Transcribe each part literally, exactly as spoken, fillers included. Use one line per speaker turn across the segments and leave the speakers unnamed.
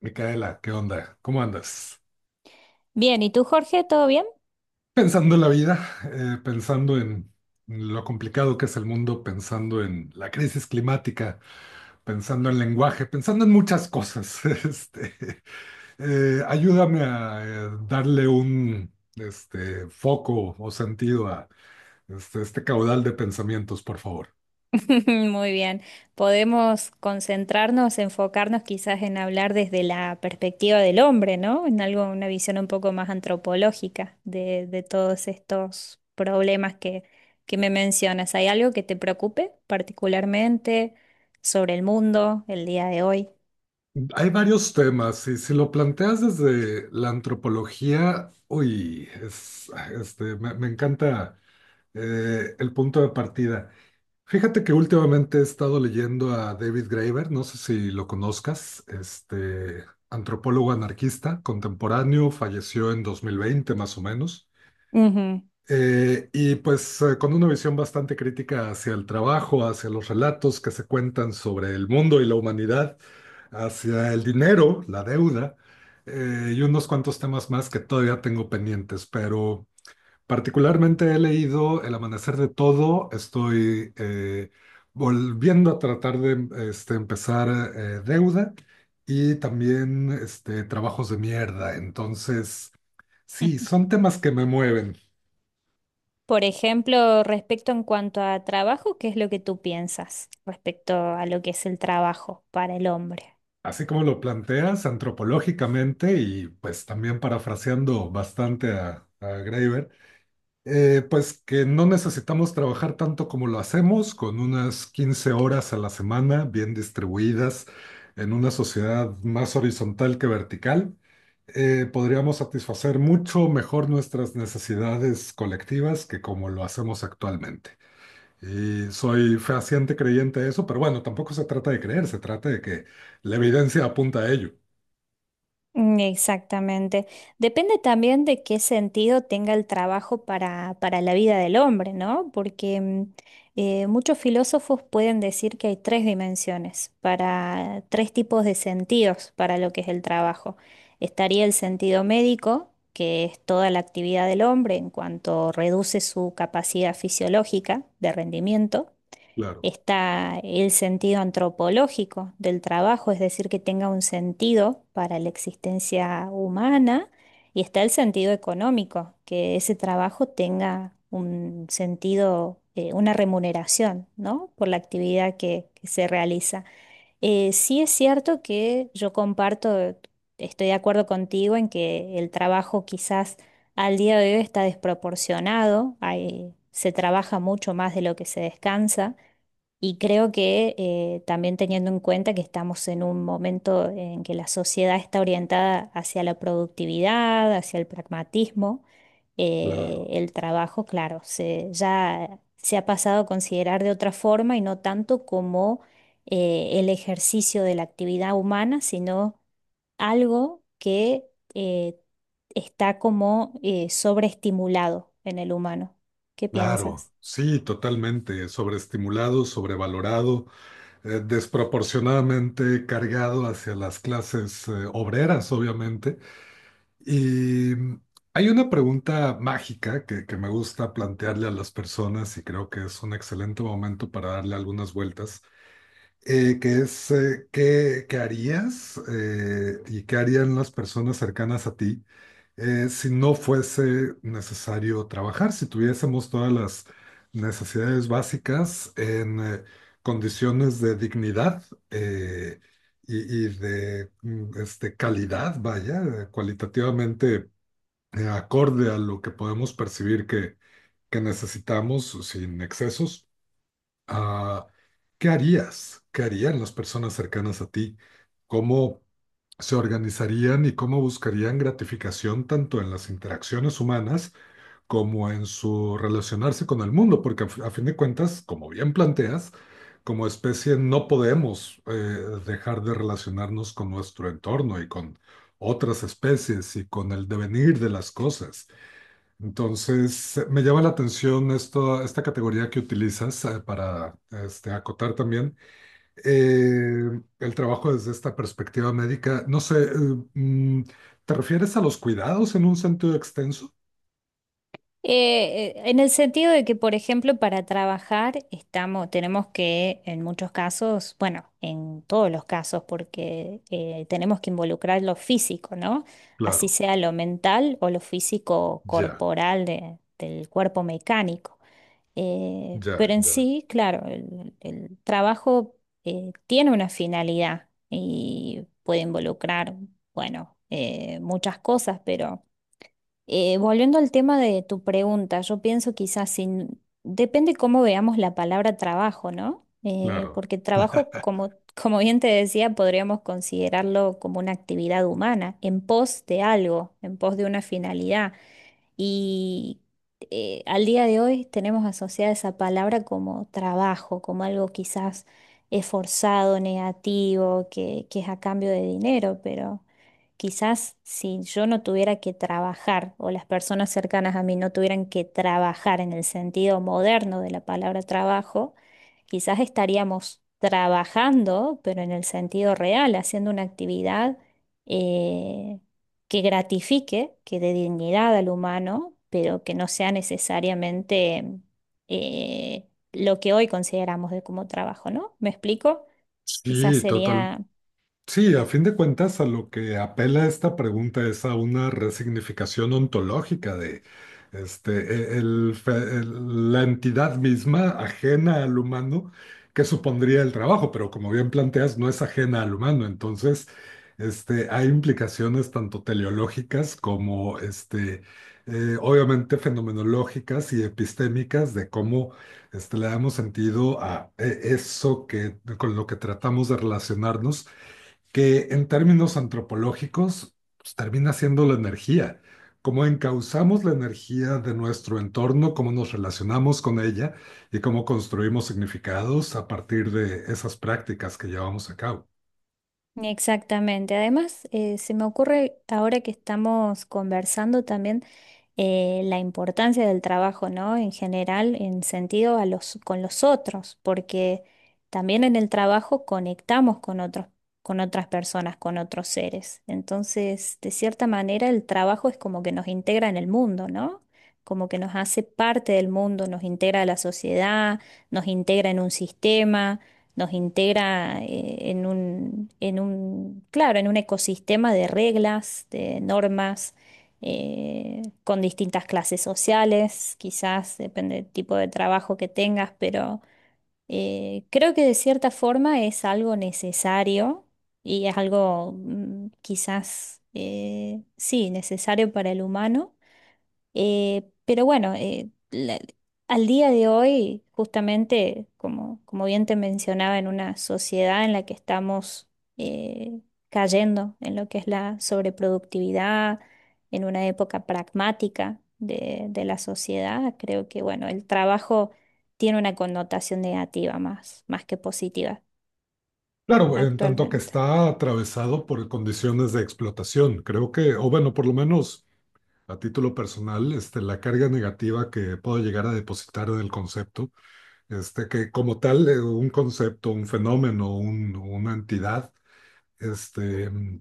Micaela, ¿qué onda? ¿Cómo andas?
Bien, ¿y tú, Jorge? ¿Todo bien?
Pensando en la vida, eh, pensando en lo complicado que es el mundo, pensando en la crisis climática, pensando en lenguaje, pensando en muchas cosas. Este, eh, ayúdame a eh, darle un este, foco o sentido a este, este caudal de pensamientos, por favor.
Muy bien. Podemos concentrarnos, enfocarnos quizás en hablar desde la perspectiva del hombre, ¿no? En algo, una visión un poco más antropológica de, de todos estos problemas que, que me mencionas. ¿Hay algo que te preocupe particularmente sobre el mundo el día de hoy?
Hay varios temas y si lo planteas desde la antropología, uy, es, este, me me encanta. Eh, el punto de partida. Fíjate que últimamente he estado leyendo a David Graeber, no sé si lo conozcas, este antropólogo anarquista contemporáneo, falleció en dos mil veinte más o menos.
Ujú.
Eh, y pues eh, con una visión bastante crítica hacia el trabajo, hacia los relatos que se cuentan sobre el mundo y la humanidad, hacia el dinero, la deuda, eh, y unos cuantos temas más que todavía tengo pendientes, pero... Particularmente he leído El Amanecer de Todo, estoy eh, volviendo a tratar de este, empezar eh, Deuda y también este, Trabajos de Mierda. Entonces, sí, son temas que me mueven,
Por ejemplo, respecto en cuanto a trabajo, ¿qué es lo que tú piensas respecto a lo que es el trabajo para el hombre?
así como lo planteas antropológicamente y pues también parafraseando bastante a, a Graeber. Eh, pues que no necesitamos trabajar tanto como lo hacemos, con unas quince horas a la semana bien distribuidas en una sociedad más horizontal que vertical, eh, podríamos satisfacer mucho mejor nuestras necesidades colectivas que como lo hacemos actualmente. Y soy fehaciente creyente de eso, pero bueno, tampoco se trata de creer, se trata de que la evidencia apunta a ello.
Mm, exactamente. Depende también de qué sentido tenga el trabajo para, para la vida del hombre, ¿no? Porque mm, eh, muchos filósofos pueden decir que hay tres dimensiones, para tres tipos de sentidos para lo que es el trabajo. Estaría el sentido médico, que es toda la actividad del hombre en cuanto reduce su capacidad fisiológica de rendimiento.
Claro,
Está el sentido antropológico del trabajo, es decir, que tenga un sentido para la existencia humana, y está el sentido económico, que ese trabajo tenga un sentido, eh, una remuneración, ¿no? Por la actividad que, que se realiza. Eh, sí es cierto que yo comparto, estoy de acuerdo contigo en que el trabajo quizás al día de hoy está desproporcionado, hay- se trabaja mucho más de lo que se descansa. Y creo que eh, también teniendo en cuenta que estamos en un momento en que la sociedad está orientada hacia la productividad, hacia el pragmatismo, eh,
claro,
el trabajo, claro, se, ya se ha pasado a considerar de otra forma y no tanto como eh, el ejercicio de la actividad humana, sino algo que eh, está como eh, sobreestimulado en el humano. ¿Qué
claro.
piensas?
Sí, totalmente. Sobreestimulado, sobrevalorado, eh, desproporcionadamente cargado hacia las clases eh, obreras, obviamente. Y mm, hay una pregunta mágica que, que me gusta plantearle a las personas y creo que es un excelente momento para darle algunas vueltas, eh, que es eh, qué, qué harías eh, y qué harían las personas cercanas a ti, eh, si no fuese necesario trabajar, si tuviésemos todas las necesidades básicas en eh, condiciones de dignidad eh, y, y de mm, este, calidad, vaya, eh, cualitativamente eh, acorde a lo que podemos percibir que, que necesitamos sin excesos. Ah, ¿qué harías? ¿Qué harían las personas cercanas a ti? ¿Cómo se organizarían y cómo buscarían gratificación tanto en las interacciones humanas como en su relacionarse con el mundo? Porque a, f- a fin de cuentas, como bien planteas, como especie no podemos eh, dejar de relacionarnos con nuestro entorno y con otras especies y con el devenir de las cosas. Entonces, eh, me llama la atención esto, esta categoría que utilizas eh, para este, acotar también eh, el trabajo desde esta perspectiva médica. No sé, eh, mm, ¿te refieres a los cuidados en un sentido extenso?
Eh, eh, en el sentido de que, por ejemplo, para trabajar estamos, tenemos que, en muchos casos, bueno, en todos los casos, porque eh, tenemos que involucrar lo físico, ¿no? Así
Claro,
sea lo mental o lo físico
ya,
corporal de- del cuerpo mecánico. Eh,
ya,
pero en
ya,
sí, claro, el, el trabajo eh, tiene una finalidad y puede involucrar, bueno, eh, muchas cosas, pero... Eh, volviendo al tema de tu pregunta, yo pienso quizás sin... Depende cómo veamos la palabra trabajo, ¿no? Eh,
claro.
porque trabajo, como, como bien te decía, podríamos considerarlo como una actividad humana, en pos de algo, en pos de una finalidad. Y eh, al día de hoy tenemos asociada esa palabra como trabajo, como algo quizás esforzado, negativo, que, que es a cambio de dinero, pero quizás si yo no tuviera que trabajar o las personas cercanas a mí no tuvieran que trabajar en el sentido moderno de la palabra trabajo, quizás estaríamos trabajando, pero en el sentido real, haciendo una actividad eh, que gratifique, que dé dignidad al humano, pero que no sea necesariamente eh, lo que hoy consideramos de como trabajo, ¿no? ¿Me explico? Quizás
Sí, total.
sería
Sí, a fin de cuentas, a lo que apela esta pregunta es a una resignificación ontológica de este, e- el fe- el- la entidad misma ajena al humano que supondría el trabajo, pero como bien planteas, no es ajena al humano. Entonces, este, hay implicaciones tanto teleológicas como este, eh, obviamente fenomenológicas y epistémicas de cómo este, le damos sentido a eh, eso que, con lo que tratamos de relacionarnos, que en términos antropológicos pues, termina siendo la energía. Cómo encauzamos la energía de nuestro entorno, cómo nos relacionamos con ella y cómo construimos significados a partir de esas prácticas que llevamos a cabo.
exactamente. Además, eh, se me ocurre ahora que estamos conversando también eh, la importancia del trabajo, ¿no? En general, en sentido a los, con los otros, porque también en el trabajo conectamos con otros, con otras personas, con otros seres. Entonces, de cierta manera, el trabajo es como que nos integra en el mundo, ¿no? Como que nos hace parte del mundo, nos integra a la sociedad, nos integra en un sistema, nos integra eh, en un, en un, claro, en un ecosistema de reglas, de normas, eh, con distintas clases sociales, quizás depende del tipo de trabajo que tengas, pero eh, creo que de cierta forma es algo necesario y es algo mm, quizás, eh, sí, necesario para el humano, eh, pero bueno, eh, la- al día de hoy, justamente, como, como bien te mencionaba, en una sociedad en la que estamos eh, cayendo en lo que es la sobreproductividad, en una época pragmática de, de la sociedad, creo que bueno, el trabajo tiene una connotación negativa más, más que positiva
Claro, en tanto que
actualmente.
está atravesado por condiciones de explotación, creo que, o bueno, por lo menos a título personal, este, la carga negativa que puedo llegar a depositar en el concepto, este, que como tal, eh, un concepto, un fenómeno, un- una entidad, este, mm,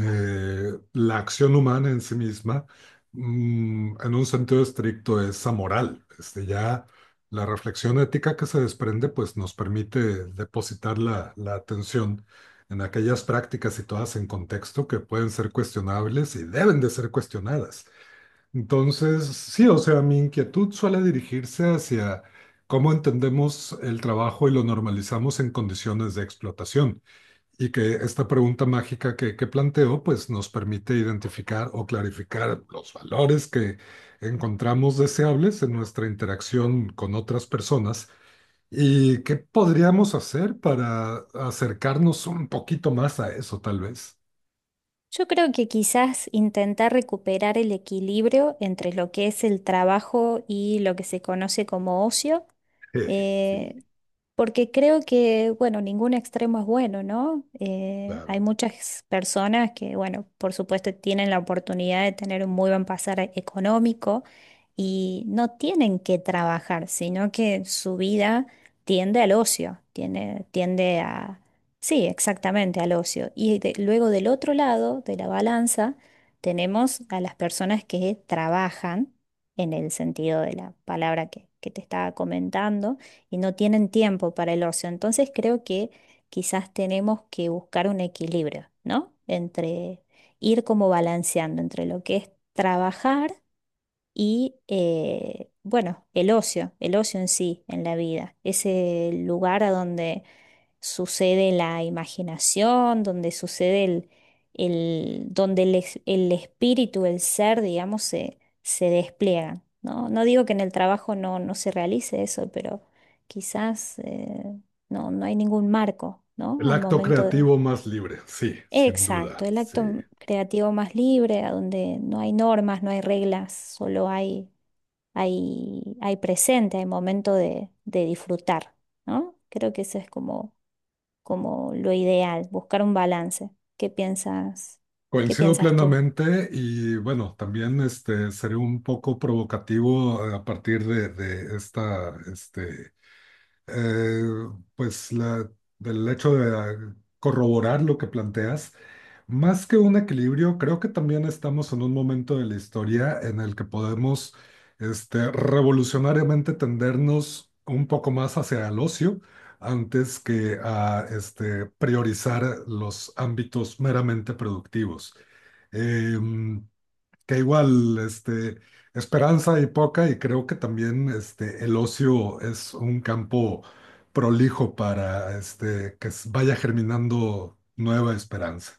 eh, la acción humana en sí misma, mm, en un sentido estricto, es amoral. Este, ya la reflexión ética que se desprende, pues nos permite depositar la, la atención en aquellas prácticas situadas en contexto que pueden ser cuestionables y deben de ser cuestionadas. Entonces, sí, o sea, mi inquietud suele dirigirse hacia cómo entendemos el trabajo y lo normalizamos en condiciones de explotación. Y que esta pregunta mágica que, que planteo, pues nos permite identificar o clarificar los valores que encontramos deseables en nuestra interacción con otras personas y qué podríamos hacer para acercarnos un poquito más a eso, tal vez.
Yo creo que quizás intentar recuperar el equilibrio entre lo que es el trabajo y lo que se conoce como ocio,
Eh, sí,
eh, porque creo que, bueno, ningún extremo es bueno, ¿no? Eh, hay
claro.
muchas personas que, bueno, por supuesto tienen la oportunidad de tener un muy buen pasar e- económico y no tienen que trabajar, sino que su vida tiende al ocio, tiene- tiende a... Sí, exactamente, al ocio. Y de- luego del otro lado de la balanza tenemos a las personas que trabajan, en el sentido de la palabra que, que te estaba comentando, y no tienen tiempo para el ocio. Entonces creo que quizás tenemos que buscar un equilibrio, ¿no? Entre ir como balanceando entre lo que es trabajar y, eh, bueno, el ocio, el ocio en sí, en la vida, ese lugar a donde sucede la imaginación, donde sucede el, el- donde el, es- el espíritu, el ser, digamos, se, se despliegan, ¿no? No digo que en el trabajo no, no se realice eso, pero quizás eh, no, no hay ningún marco, ¿no?
El
Al
acto
momento de...
creativo más libre, sí, sin
Exacto,
duda,
el
sí.
acto creativo más libre, a donde no hay normas, no hay reglas, solo hay, hay, hay presente, hay momento de, de disfrutar, ¿no? Creo que eso es como, como lo ideal, buscar un balance. ¿Qué piensas? ¿Qué
Coincido
piensas tú?
plenamente y bueno, también este, seré un poco provocativo a partir de, de esta este, eh, pues la, del hecho de ah, corroborar lo que planteas, más que un equilibrio, creo que también estamos en un momento de la historia en el que podemos este, revolucionariamente tendernos un poco más hacia el ocio antes que a este, priorizar los ámbitos meramente productivos. Em, que igual, este, esperanza hay poca y creo que también este, el ocio es un campo prolijo para este, que s- vaya germinando nueva esperanza.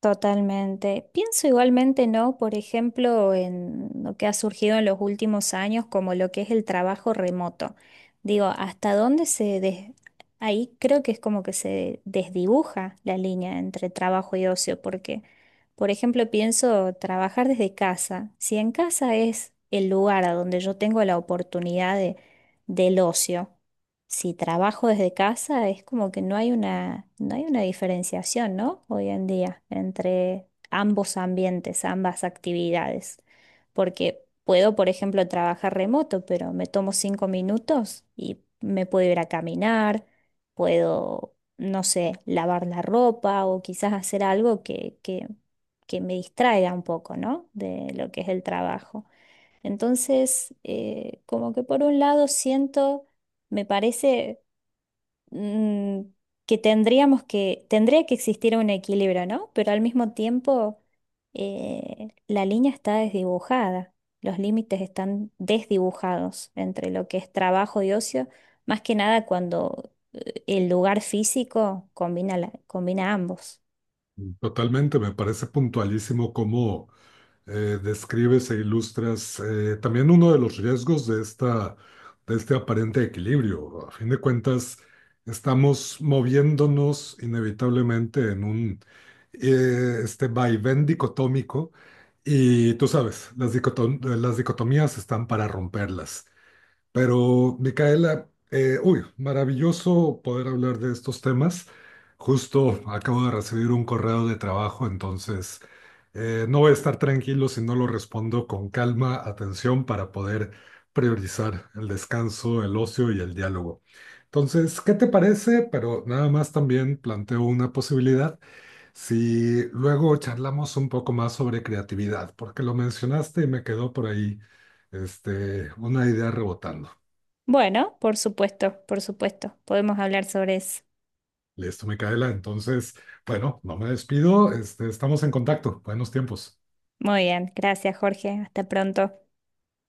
Totalmente. Pienso igualmente, ¿no? Por ejemplo, en lo que ha surgido en los últimos años, como lo que es el trabajo remoto. Digo, ¿hasta dónde se des- Ahí creo que es como que se desdibuja la línea entre trabajo y ocio, porque, por ejemplo, pienso trabajar desde casa. Si en casa es el lugar a donde yo tengo la oportunidad de, del ocio. Si trabajo desde casa, es como que no hay una, no hay una diferenciación, ¿no? Hoy en día, entre ambos ambientes, ambas actividades. Porque puedo, por ejemplo, trabajar remoto, pero me tomo cinco minutos y me puedo ir a caminar, puedo, no sé, lavar la ropa o quizás hacer algo que, que, que me distraiga un poco, ¿no? De lo que es el trabajo. Entonces, eh, como que por un lado siento, me parece mm, que tendríamos que, tendría que existir un equilibrio, ¿no? Pero al mismo tiempo, eh, la línea está desdibujada, los límites están desdibujados entre lo que es trabajo y ocio, más que nada cuando eh, el lugar físico combina, la- combina ambos.
Totalmente, me parece puntualísimo cómo eh, describes e ilustras eh, también uno de los riesgos de esta, de este aparente equilibrio. A fin de cuentas, estamos moviéndonos inevitablemente en un eh, este vaivén dicotómico y tú sabes, las dicotom- las dicotomías están para romperlas. Pero, Micaela, eh, uy, maravilloso poder hablar de estos temas. Justo acabo de recibir un correo de trabajo, entonces eh, no voy a estar tranquilo si no lo respondo con calma, atención, para poder priorizar el descanso, el ocio y el diálogo. Entonces, ¿qué te parece? Pero nada más también planteo una posibilidad si luego charlamos un poco más sobre creatividad, porque lo mencionaste y me quedó por ahí este, una idea rebotando.
Bueno, por supuesto, por supuesto, podemos hablar sobre eso.
Listo, Micaela. Entonces, bueno, no me despido. Este, estamos en contacto. Buenos tiempos.
Muy bien, gracias Jorge, hasta pronto.